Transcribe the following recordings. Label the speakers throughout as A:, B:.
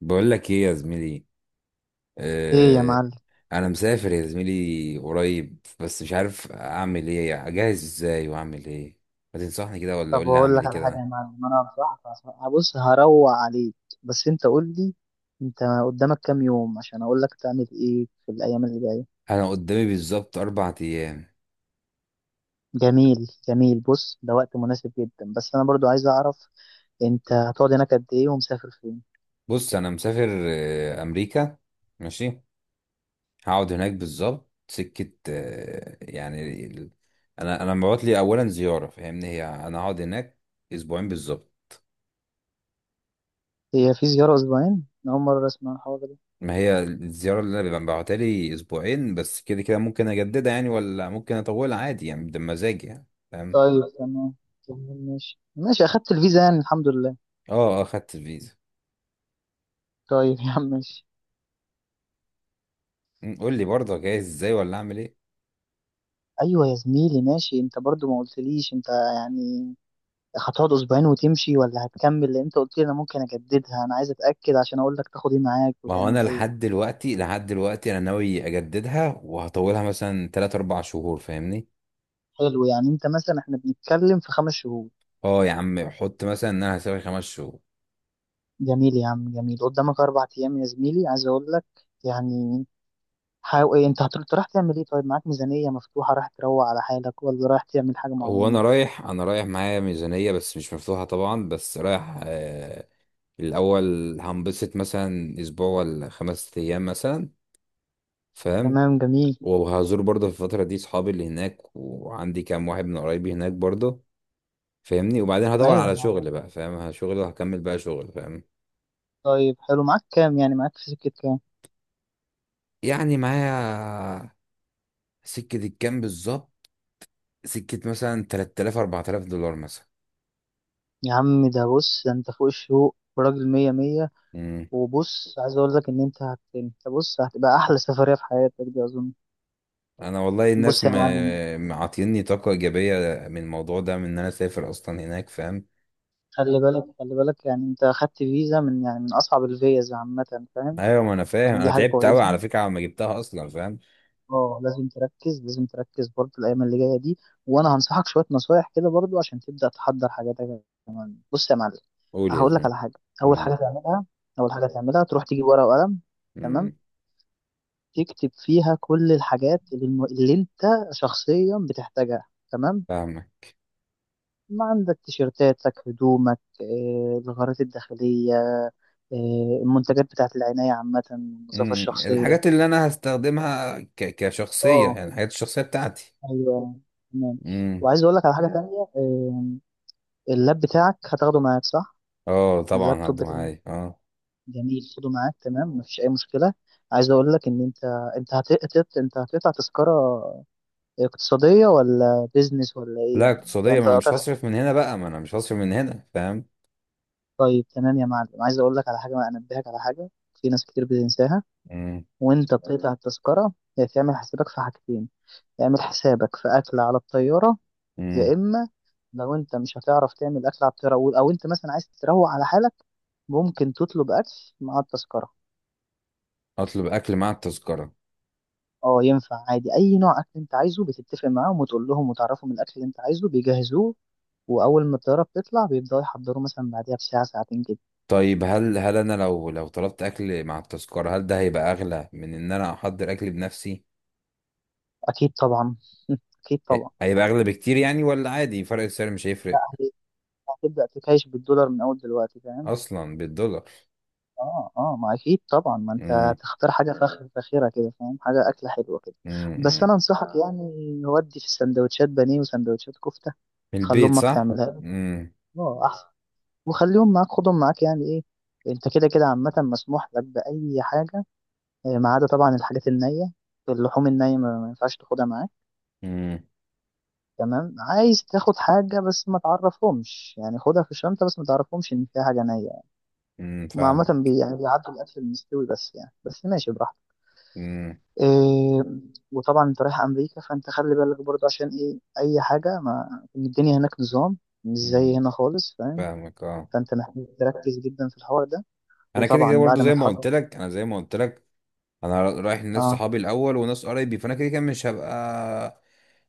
A: بقول لك ايه يا زميلي؟
B: ايه يا
A: آه.
B: معلم.
A: انا مسافر يا زميلي قريب، بس مش عارف اعمل ايه، اجهز ازاي واعمل ايه. ما تنصحني كده ولا قول
B: طب
A: لي
B: اقول
A: اعمل
B: لك
A: ايه
B: على حاجه
A: كده.
B: يا معلم، انا بص هروق عليك، بس انت قول لي. انت قدامك كام يوم عشان اقول لك تعمل ايه في الايام اللي جايه.
A: انا قدامي بالظبط 4 ايام.
B: جميل جميل، بص ده وقت مناسب جدا، بس انا برضو عايز اعرف انت هتقعد هناك قد ايه ومسافر فين.
A: بص انا مسافر امريكا. ماشي. هقعد هناك بالظبط سكة، انا مبعوت لي اولا زيارة، فاهمني؟ هي انا هقعد هناك اسبوعين بالظبط.
B: هي في زياره اسبوعين؟ أنا اول مره اسمع الحوار ده.
A: ما هي الزيارة اللي انا ببعتها لي اسبوعين بس، كده كده ممكن اجددها يعني، ولا ممكن اطولها عادي يعني، ده مزاجي يعني. فاهم.
B: طيب تمام. تمام، ماشي اخدت الفيزا، يعني الحمد لله.
A: اه، اه، خدت الفيزا.
B: طيب يا عم ماشي.
A: قول لي برضه جايز ازاي، ولا اعمل ايه.
B: ايوه يا زميلي ماشي، انت برضو ما قلتليش، انت يعني هتقعد اسبوعين وتمشي ولا هتكمل؟ لان انت قلت لي انا ممكن اجددها، انا عايز اتاكد عشان اقول لك تاخد ايه معاك
A: ما هو
B: وتعمل
A: انا
B: ايه.
A: لحد دلوقتي، لحد دلوقتي انا ناوي اجددها وهطولها مثلا 3 4 شهور، فاهمني.
B: حلو، يعني انت مثلا احنا بنتكلم في خمس شهور.
A: اه يا عم، حط مثلا ان انا هسافر 5 شهور.
B: جميل يا عم جميل، قدامك اربع ايام يا زميلي، عايز اقول لك يعني، حاول ايه، انت أنت رايح تعمل ايه؟ طيب معاك ميزانيه مفتوحه، رايح تروق على حالك ولا رايح تعمل حاجه
A: هو
B: معينه؟
A: انا رايح، انا رايح معايا ميزانية بس مش مفتوحة طبعا، بس رايح. الاول هنبسط مثلا اسبوع ولا 5 ايام مثلا، فاهم.
B: تمام جميل.
A: وهزور برضه في الفترة دي صحابي اللي هناك، وعندي كام واحد من قرايبي هناك برضه، فاهمني. وبعدين هدور
B: ايوه،
A: على شغل بقى، فاهم، شغل، وهكمل بقى شغل، فاهم.
B: طيب حلو، معاك كام، يعني معاك في سكه كام؟
A: يعني معايا، سكة الكام بالظبط؟ سكة مثلا 3000 4000 دولار مثلا.
B: يا عم، بص ده انت فوق الشوق وراجل مية مية.
A: مم.
B: وبص، عايز اقول لك ان انت انت بص هتبقى احلى سفريه في حياتك دي اظن.
A: انا والله الناس
B: بص يا معلم.
A: معطيني طاقة ايجابية من الموضوع ده، من ان انا اسافر اصلا هناك، فاهم.
B: خلي بالك، يعني انت اخدت فيزا من، يعني من اصعب الفيز عامه، فاهم؟
A: ايوه ما انا فاهم،
B: يعني دي
A: انا
B: حاجه
A: تعبت قوي
B: كويسه.
A: على فكرة على ما جبتها اصلا، فاهم.
B: اه لازم تركز، لازم تركز برضه الايام اللي جايه دي. وانا هنصحك شويه نصايح كده برضه عشان تبدا تحضر حاجاتك كمان. بص يا معلم،
A: قول يا
B: هقول لك
A: زميلي.
B: على حاجه. اول حاجه تعملها اول حاجه تعملها تروح تجيب ورقه وقلم. تمام،
A: امم.
B: تكتب فيها كل الحاجات اللي انت شخصيا بتحتاجها. تمام،
A: فاهمك.
B: ما عندك تيشيرتاتك، هدومك، الغارات الداخلية، المنتجات بتاعت العناية عامة، النظافة
A: مم.
B: الشخصية.
A: الحاجات اللي انا هستخدمها كشخصية،
B: اه
A: يعني الحاجات الشخصية بتاعتي.
B: ايوه تمام.
A: امم.
B: وعايز اقول لك على حاجة تانية، اللاب بتاعك هتاخده معاك صح؟
A: اه طبعا
B: اللابتوب
A: هاخده
B: بتاعك.
A: معايا، اه.
B: جميل، خده معاك تمام، مفيش أي مشكلة. عايز اقول لك ان انت، انت هتقطع تذكرة اقتصادية ولا بيزنس ولا ايه
A: لا،
B: يعني؟ يعني
A: اقتصادية، ما
B: انت
A: انا مش
B: قطعت؟
A: هصرف من هنا بقى، ما انا مش هصرف من هنا، فاهم.
B: طيب تمام يا معلم، عايز اقول لك على حاجة، انبهك على حاجة في ناس كتير بتنساها.
A: امم.
B: وانت بتقطع التذكرة، يا تعمل حسابك في حاجتين، تعمل حسابك في أكل على الطيارة،
A: امم.
B: يا إما لو انت مش هتعرف تعمل أكل على الطيارة، أو انت مثلا عايز تروق على حالك، ممكن تطلب أكل مع التذكرة.
A: اطلب اكل مع التذكرة.
B: اه ينفع عادي، أي نوع أكل انت عايزه بتتفق معاهم وتقول لهم وتعرفهم الأكل اللي انت عايزه بيجهزوه. وأول ما الطيارة بتطلع بيبدأوا يحضروا، مثلا بعديها بساعة ساعتين كده.
A: طيب هل، انا لو، طلبت اكل مع التذكرة، هل ده هيبقى اغلى من ان انا احضر اكل بنفسي؟
B: أكيد طبعا. أكيد طبعا.
A: هيبقى اغلى بكتير يعني، ولا عادي فرق السعر مش
B: لا
A: هيفرق؟
B: هي- هتبدأ تكايش بالدولار من أول دلوقتي، فاهم؟
A: اصلا بالدولار.
B: اه اه، ما اكيد طبعا، ما انت
A: امم.
B: تختار حاجه فاخره كده، فاهم؟ حاجه اكله حلوه كده.
A: امم.
B: بس
A: أمم.
B: انا انصحك يعني، ودي في السندوتشات بانيه وسندوتشات كفته،
A: من
B: خلي
A: البيت،
B: امك
A: صح.
B: تعملها لك.
A: امم.
B: اه احسن. وخليهم معاك، خدهم معاك، يعني ايه، انت كده كده عامه مسموح لك باي حاجه، ما عدا طبعا الحاجات النيه. اللحوم النيه ما ينفعش تاخدها معاك.
A: امم.
B: تمام، عايز تاخد حاجه بس ما تعرفهمش، يعني خدها في الشنطه بس ما تعرفهمش ان فيها حاجه نيه يعني.
A: أمم،
B: عامه
A: فاهمك.
B: بي يعني بيعدوا الاكل المستوي بس، يعني بس ماشي براحتك.
A: امم.
B: إيه، وطبعا انت رايح امريكا، فانت خلي بالك برضه عشان ايه، اي حاجه، ما الدنيا هناك نظام مش زي
A: أمم.
B: هنا خالص، فاهم؟
A: فاهمك، اه.
B: فانت محتاج تركز جدا في الحوار ده.
A: انا كده كده
B: وطبعا
A: برضو
B: بعد ما
A: زي ما قلت
B: تحضر،
A: لك، انا زي ما قلت لك انا رايح لناس
B: اه
A: صحابي الاول وناس قرايبي، فانا كده كده مش هبقى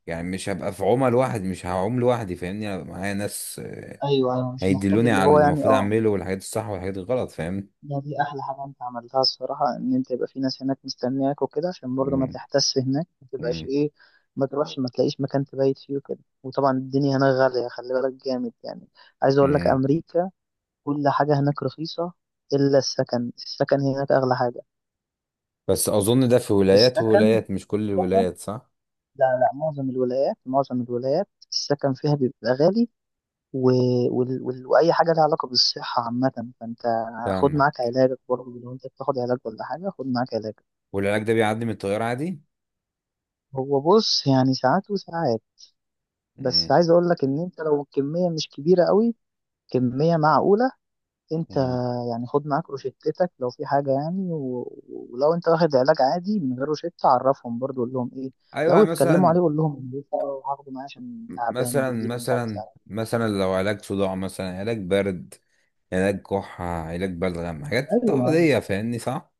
A: يعني، مش هبقى في عمى لوحدي، مش هعوم لوحدي، فاهمني. انا هبقى معايا ناس،
B: ايوه ايوه، مش محتاج
A: هيدلوني
B: اللي
A: على
B: هو
A: اللي
B: يعني
A: المفروض
B: اه.
A: اعمله والحاجات الصح والحاجات الغلط، فاهمني.
B: ده دي احلى حاجه انت عملتها الصراحه، ان انت يبقى في ناس هناك مستنياك وكده، عشان برضه ما
A: امم.
B: تحتس هناك، ما تبقاش
A: امم.
B: ايه، ما تروحش ما تلاقيش مكان تبيت فيه وكده. وطبعا الدنيا هناك غاليه، خلي بالك جامد يعني. عايز اقول لك
A: أمم.
B: امريكا كل حاجة هناك رخيصة، إلا السكن، السكن هناك أغلى حاجة.
A: بس اظن ده في ولايات
B: السكن
A: وولايات، مش كل
B: السكن،
A: الولايات، صح.
B: لا معظم الولايات، معظم الولايات السكن فيها بيبقى غالي. و... وأي حاجة لها علاقة بالصحة عامة، فأنت خد معاك
A: فاهمك.
B: علاجك برضه، لو أنت بتاخد علاج ولا حاجة، خد معاك علاجك.
A: والعلاج ده بيعدي من التيار عادي؟
B: هو بص يعني ساعات وساعات، بس
A: امم.
B: عايز أقول لك إن أنت لو الكمية مش كبيرة قوي، كمية معقولة، انت
A: أمم.
B: يعني خد معاك روشتتك لو في حاجة، ولو انت واخد علاج عادي من غير روشتة، عرفهم برضو، قول لهم ايه
A: ايوه
B: لو اتكلموا
A: مثلا،
B: عليه، قول لهم إن ده هاخده معايا عشان تعبان وبيجيلي مش عارف، تعبان.
A: لو علاج صداع، مثلا علاج برد، علاج كحة، علاج بلغم، حاجات
B: ايوه اه
A: عادية فاهمني، صح؟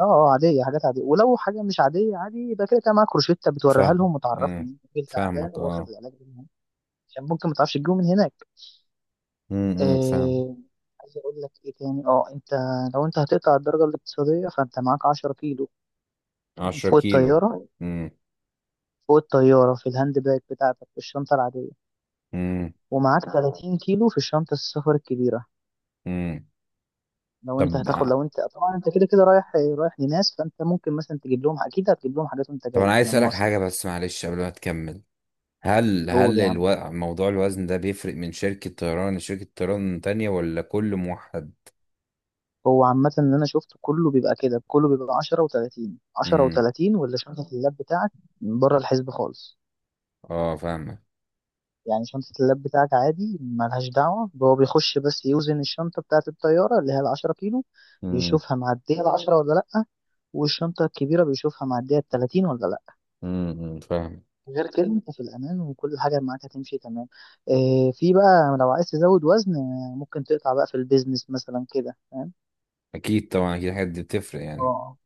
B: اه، عادية حاجات عادية، ولو حاجة مش عادية عادي يبقى كده كده معاك روشتة بتوريها
A: فاهم.
B: لهم وتعرفهم
A: أمم،
B: ان انت راجل تعبان
A: فاهمك
B: واخد
A: اه.
B: العلاج ده من هنا. عشان ممكن ما تعرفش تجيبه من هناك.
A: امم. فاهم.
B: آه، عايز اقول لك ايه تاني، اه انت لو انت هتقطع الدرجة الاقتصادية فانت معاك 10 كيلو
A: عشرة
B: فوق
A: كيلو
B: الطيارة،
A: امم.
B: فوق الطيارة في الهاند باج بتاعتك، في الشنطة العادية.
A: امم.
B: ومعاك 30 كيلو في الشنطة السفر الكبيرة.
A: امم.
B: لو انت
A: طب
B: هتاخد، لو انت طبعا انت كده كده رايح لناس، فانت ممكن مثلا تجيب لهم، اكيد هتجيب لهم حاجات وانت
A: طب أنا
B: جاي
A: عايز
B: من
A: أسألك
B: مصر.
A: حاجة بس، معلش قبل ما تكمل، هل،
B: قول يعني.
A: موضوع الوزن ده بيفرق من شركة طيران لشركة طيران تانية، ولا كل موحد؟
B: هو عامة اللي انا شفته كله بيبقى كده، كله بيبقى 10 و30، 10
A: امم.
B: و30، واللي شنطة اللاب بتاعك بره الحسب خالص.
A: اه فاهمك.
B: يعني شنطة اللاب بتاعك عادي ملهاش دعوة، هو بيخش بس يوزن الشنطة بتاعة الطيارة اللي هي العشرة كيلو،
A: امم.
B: بيشوفها معدية العشرة ولا لأ، والشنطة الكبيرة بيشوفها معدية التلاتين ولا لأ.
A: امم. أمم، فاهم.
B: غير كده أنت في الأمان، وكل حاجة معاك هتمشي تمام. إيه، في بقى لو عايز تزود وزن، ممكن تقطع بقى في البيزنس مثلا كده، فاهم؟
A: أكيد طبعا، أكيد الحاجات دي بتفرق يعني.
B: اه،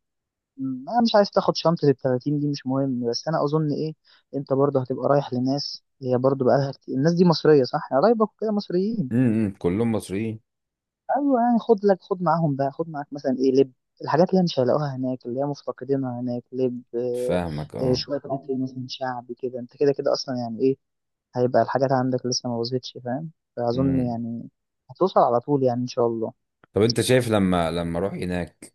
B: أنا مش عايز تاخد شنطة التلاتين دي مش مهم، بس أنا أظن إيه، أنت برضه هتبقى رايح لناس، هي برضه بقالها كتير الناس دي مصرية صح؟ يعني قرايبك وكده مصريين.
A: امم. كلهم مصريين.
B: ايوه يعني، خد لك، خد معاهم بقى، خد معاك مثلا ايه، لب، الحاجات اللي هي مش هيلاقوها هناك، اللي هي مفتقدينها هناك، لب،
A: فاهمك اه.
B: شويه حاجات، إيه مثلا شعبي كده، انت كده كده اصلا يعني ايه، هيبقى الحاجات عندك لسه ما بظبطش فاهم، فاظن
A: امم.
B: يعني هتوصل على طول يعني ان شاء الله.
A: طب انت شايف، لما اروح هناك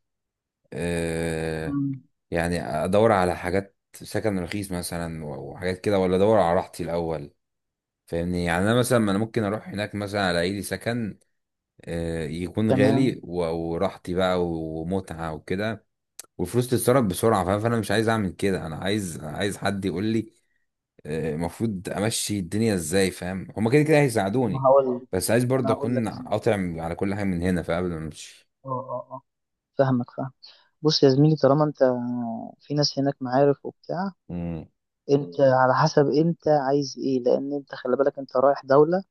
A: آه
B: مم.
A: يعني، ادور على حاجات سكن رخيص مثلا، وحاجات كده، ولا ادور على راحتي الاول؟ فاهمني، يعني انا مثلا، ما انا ممكن اروح هناك مثلا الاقي لي سكن، يكون
B: تمام.
A: غالي، وراحتي بقى ومتعة وكده، والفلوس تتصرف بسرعة، فاهم. فانا مش عايز اعمل كده، انا عايز حد يقول لي، المفروض امشي الدنيا ازاي، فاهم. هما كده كده
B: ما
A: هيساعدوني،
B: هقول،
A: بس عايز برضه
B: انا هقول لك
A: اكون
B: هنا.
A: قاطع على كل حاجه من هنا، فقبل ما امشي.
B: اه اه اه، فاهمك فاهم. بص يا زميلي، طالما انت في ناس هناك معارف وبتاع،
A: امم.
B: انت على حسب انت عايز ايه، لان انت خلي بالك انت رايح دولة،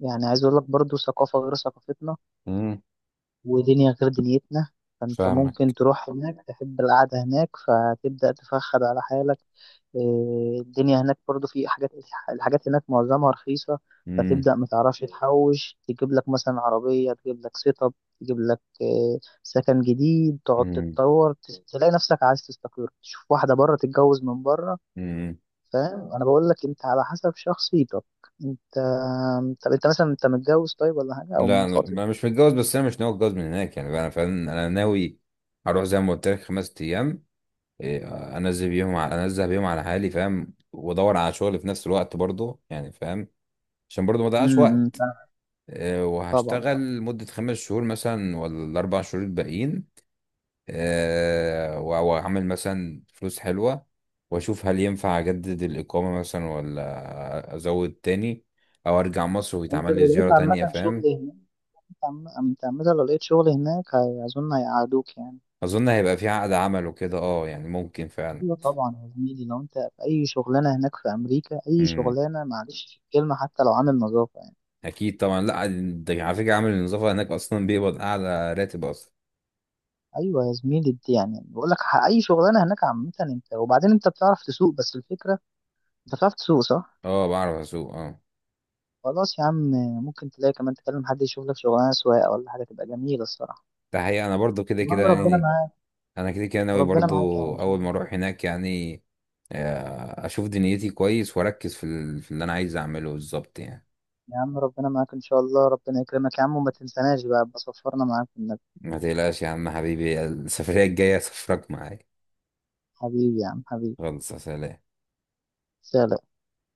B: يعني عايز اقول لك برضو ثقافة غير ثقافتنا،
A: امم.
B: ودنيا غير دنيتنا. فانت ممكن
A: فاهمك.
B: تروح هناك تحب القعدة هناك، فتبدأ تفخد على حالك. إيه، الدنيا هناك برضو في حاجات، الحاجات هناك معظمها رخيصة،
A: امم.
B: فتبدأ متعرفش تحوش، تجيب لك مثلا عربية، تجيب لك سيت اب، تجيب لك إيه، سكن جديد، تقعد
A: امم.
B: تتطور، تلاقي نفسك عايز تستقر، تشوف واحدة بره، تتجوز من بره.
A: امم.
B: فاهم، انا بقول لك انت على حسب شخصيتك، انت. طب انت مثلا انت متجوز طيب ولا حاجه، او
A: لا انا،
B: مخاطب؟
A: مش متجوز، بس انا مش ناوي اتجوز من هناك يعني بقى، انا فعلا انا ناوي هروح زي ما قلت لك 5 ايام. إيه، انزل بيهم على حالي، فاهم، وادور على شغل في نفس الوقت برضه، يعني فاهم، عشان برضه ما اضيعش
B: امم،
A: وقت. إيه،
B: طبعا آه.
A: وهشتغل مدة 5 شهور مثلا، ولا ال4 شهور الباقيين. واعمل مثلا فلوس حلوة، واشوف هل ينفع اجدد الاقامة مثلا، ولا ازود تاني، او ارجع مصر
B: انت
A: ويتعمل لي
B: لو
A: زيارة
B: لقيت عامه
A: تانية،
B: شغل
A: فاهم.
B: هناك، انت انت عامه لو لقيت شغل هناك، اظن هيقعدوك يعني.
A: اظن هيبقى في عقد عمل وكده، اه يعني ممكن فعلا.
B: ايوه طبعا يا زميلي، لو انت في اي شغلانه هناك في امريكا، اي
A: امم.
B: شغلانه، معلش في الكلمه، حتى لو عامل نظافه يعني.
A: اكيد طبعا. لا ده على فكرة عامل النظافة هناك اصلا بيقبض اعلى راتب اصلا.
B: ايوه يا زميلي، دي يعني بقول لك، اي شغلانه هناك عامه، انت وبعدين انت بتعرف تسوق، بس الفكره انت بتعرف تسوق صح؟
A: اه بعرف اسوق، اه.
B: خلاص يا عم، ممكن تلاقي كمان تكلم حد يشوف لك شغلانه سواقه ولا حاجه تبقى جميله الصراحه.
A: ده حقيقة انا برضو كده
B: يا
A: كده
B: عم ربنا
A: يعني،
B: معاك.
A: انا كده كده ناوي
B: وربنا
A: برضو.
B: معاك يا عم
A: اول ما
B: شادي.
A: اروح هناك يعني، اشوف دنيتي كويس، واركز في في اللي انا عايز اعمله بالظبط يعني.
B: يا عم ربنا معاك ان شاء الله، ربنا يكرمك يا عم، وما تنساناش بقى، بصفرنا معاك في النبي.
A: ما تقلقش يا عم حبيبي، السفرية الجاية سفرك معايا.
B: حبيبي يا عم حبيبي.
A: خلص يا سلام.
B: سلام.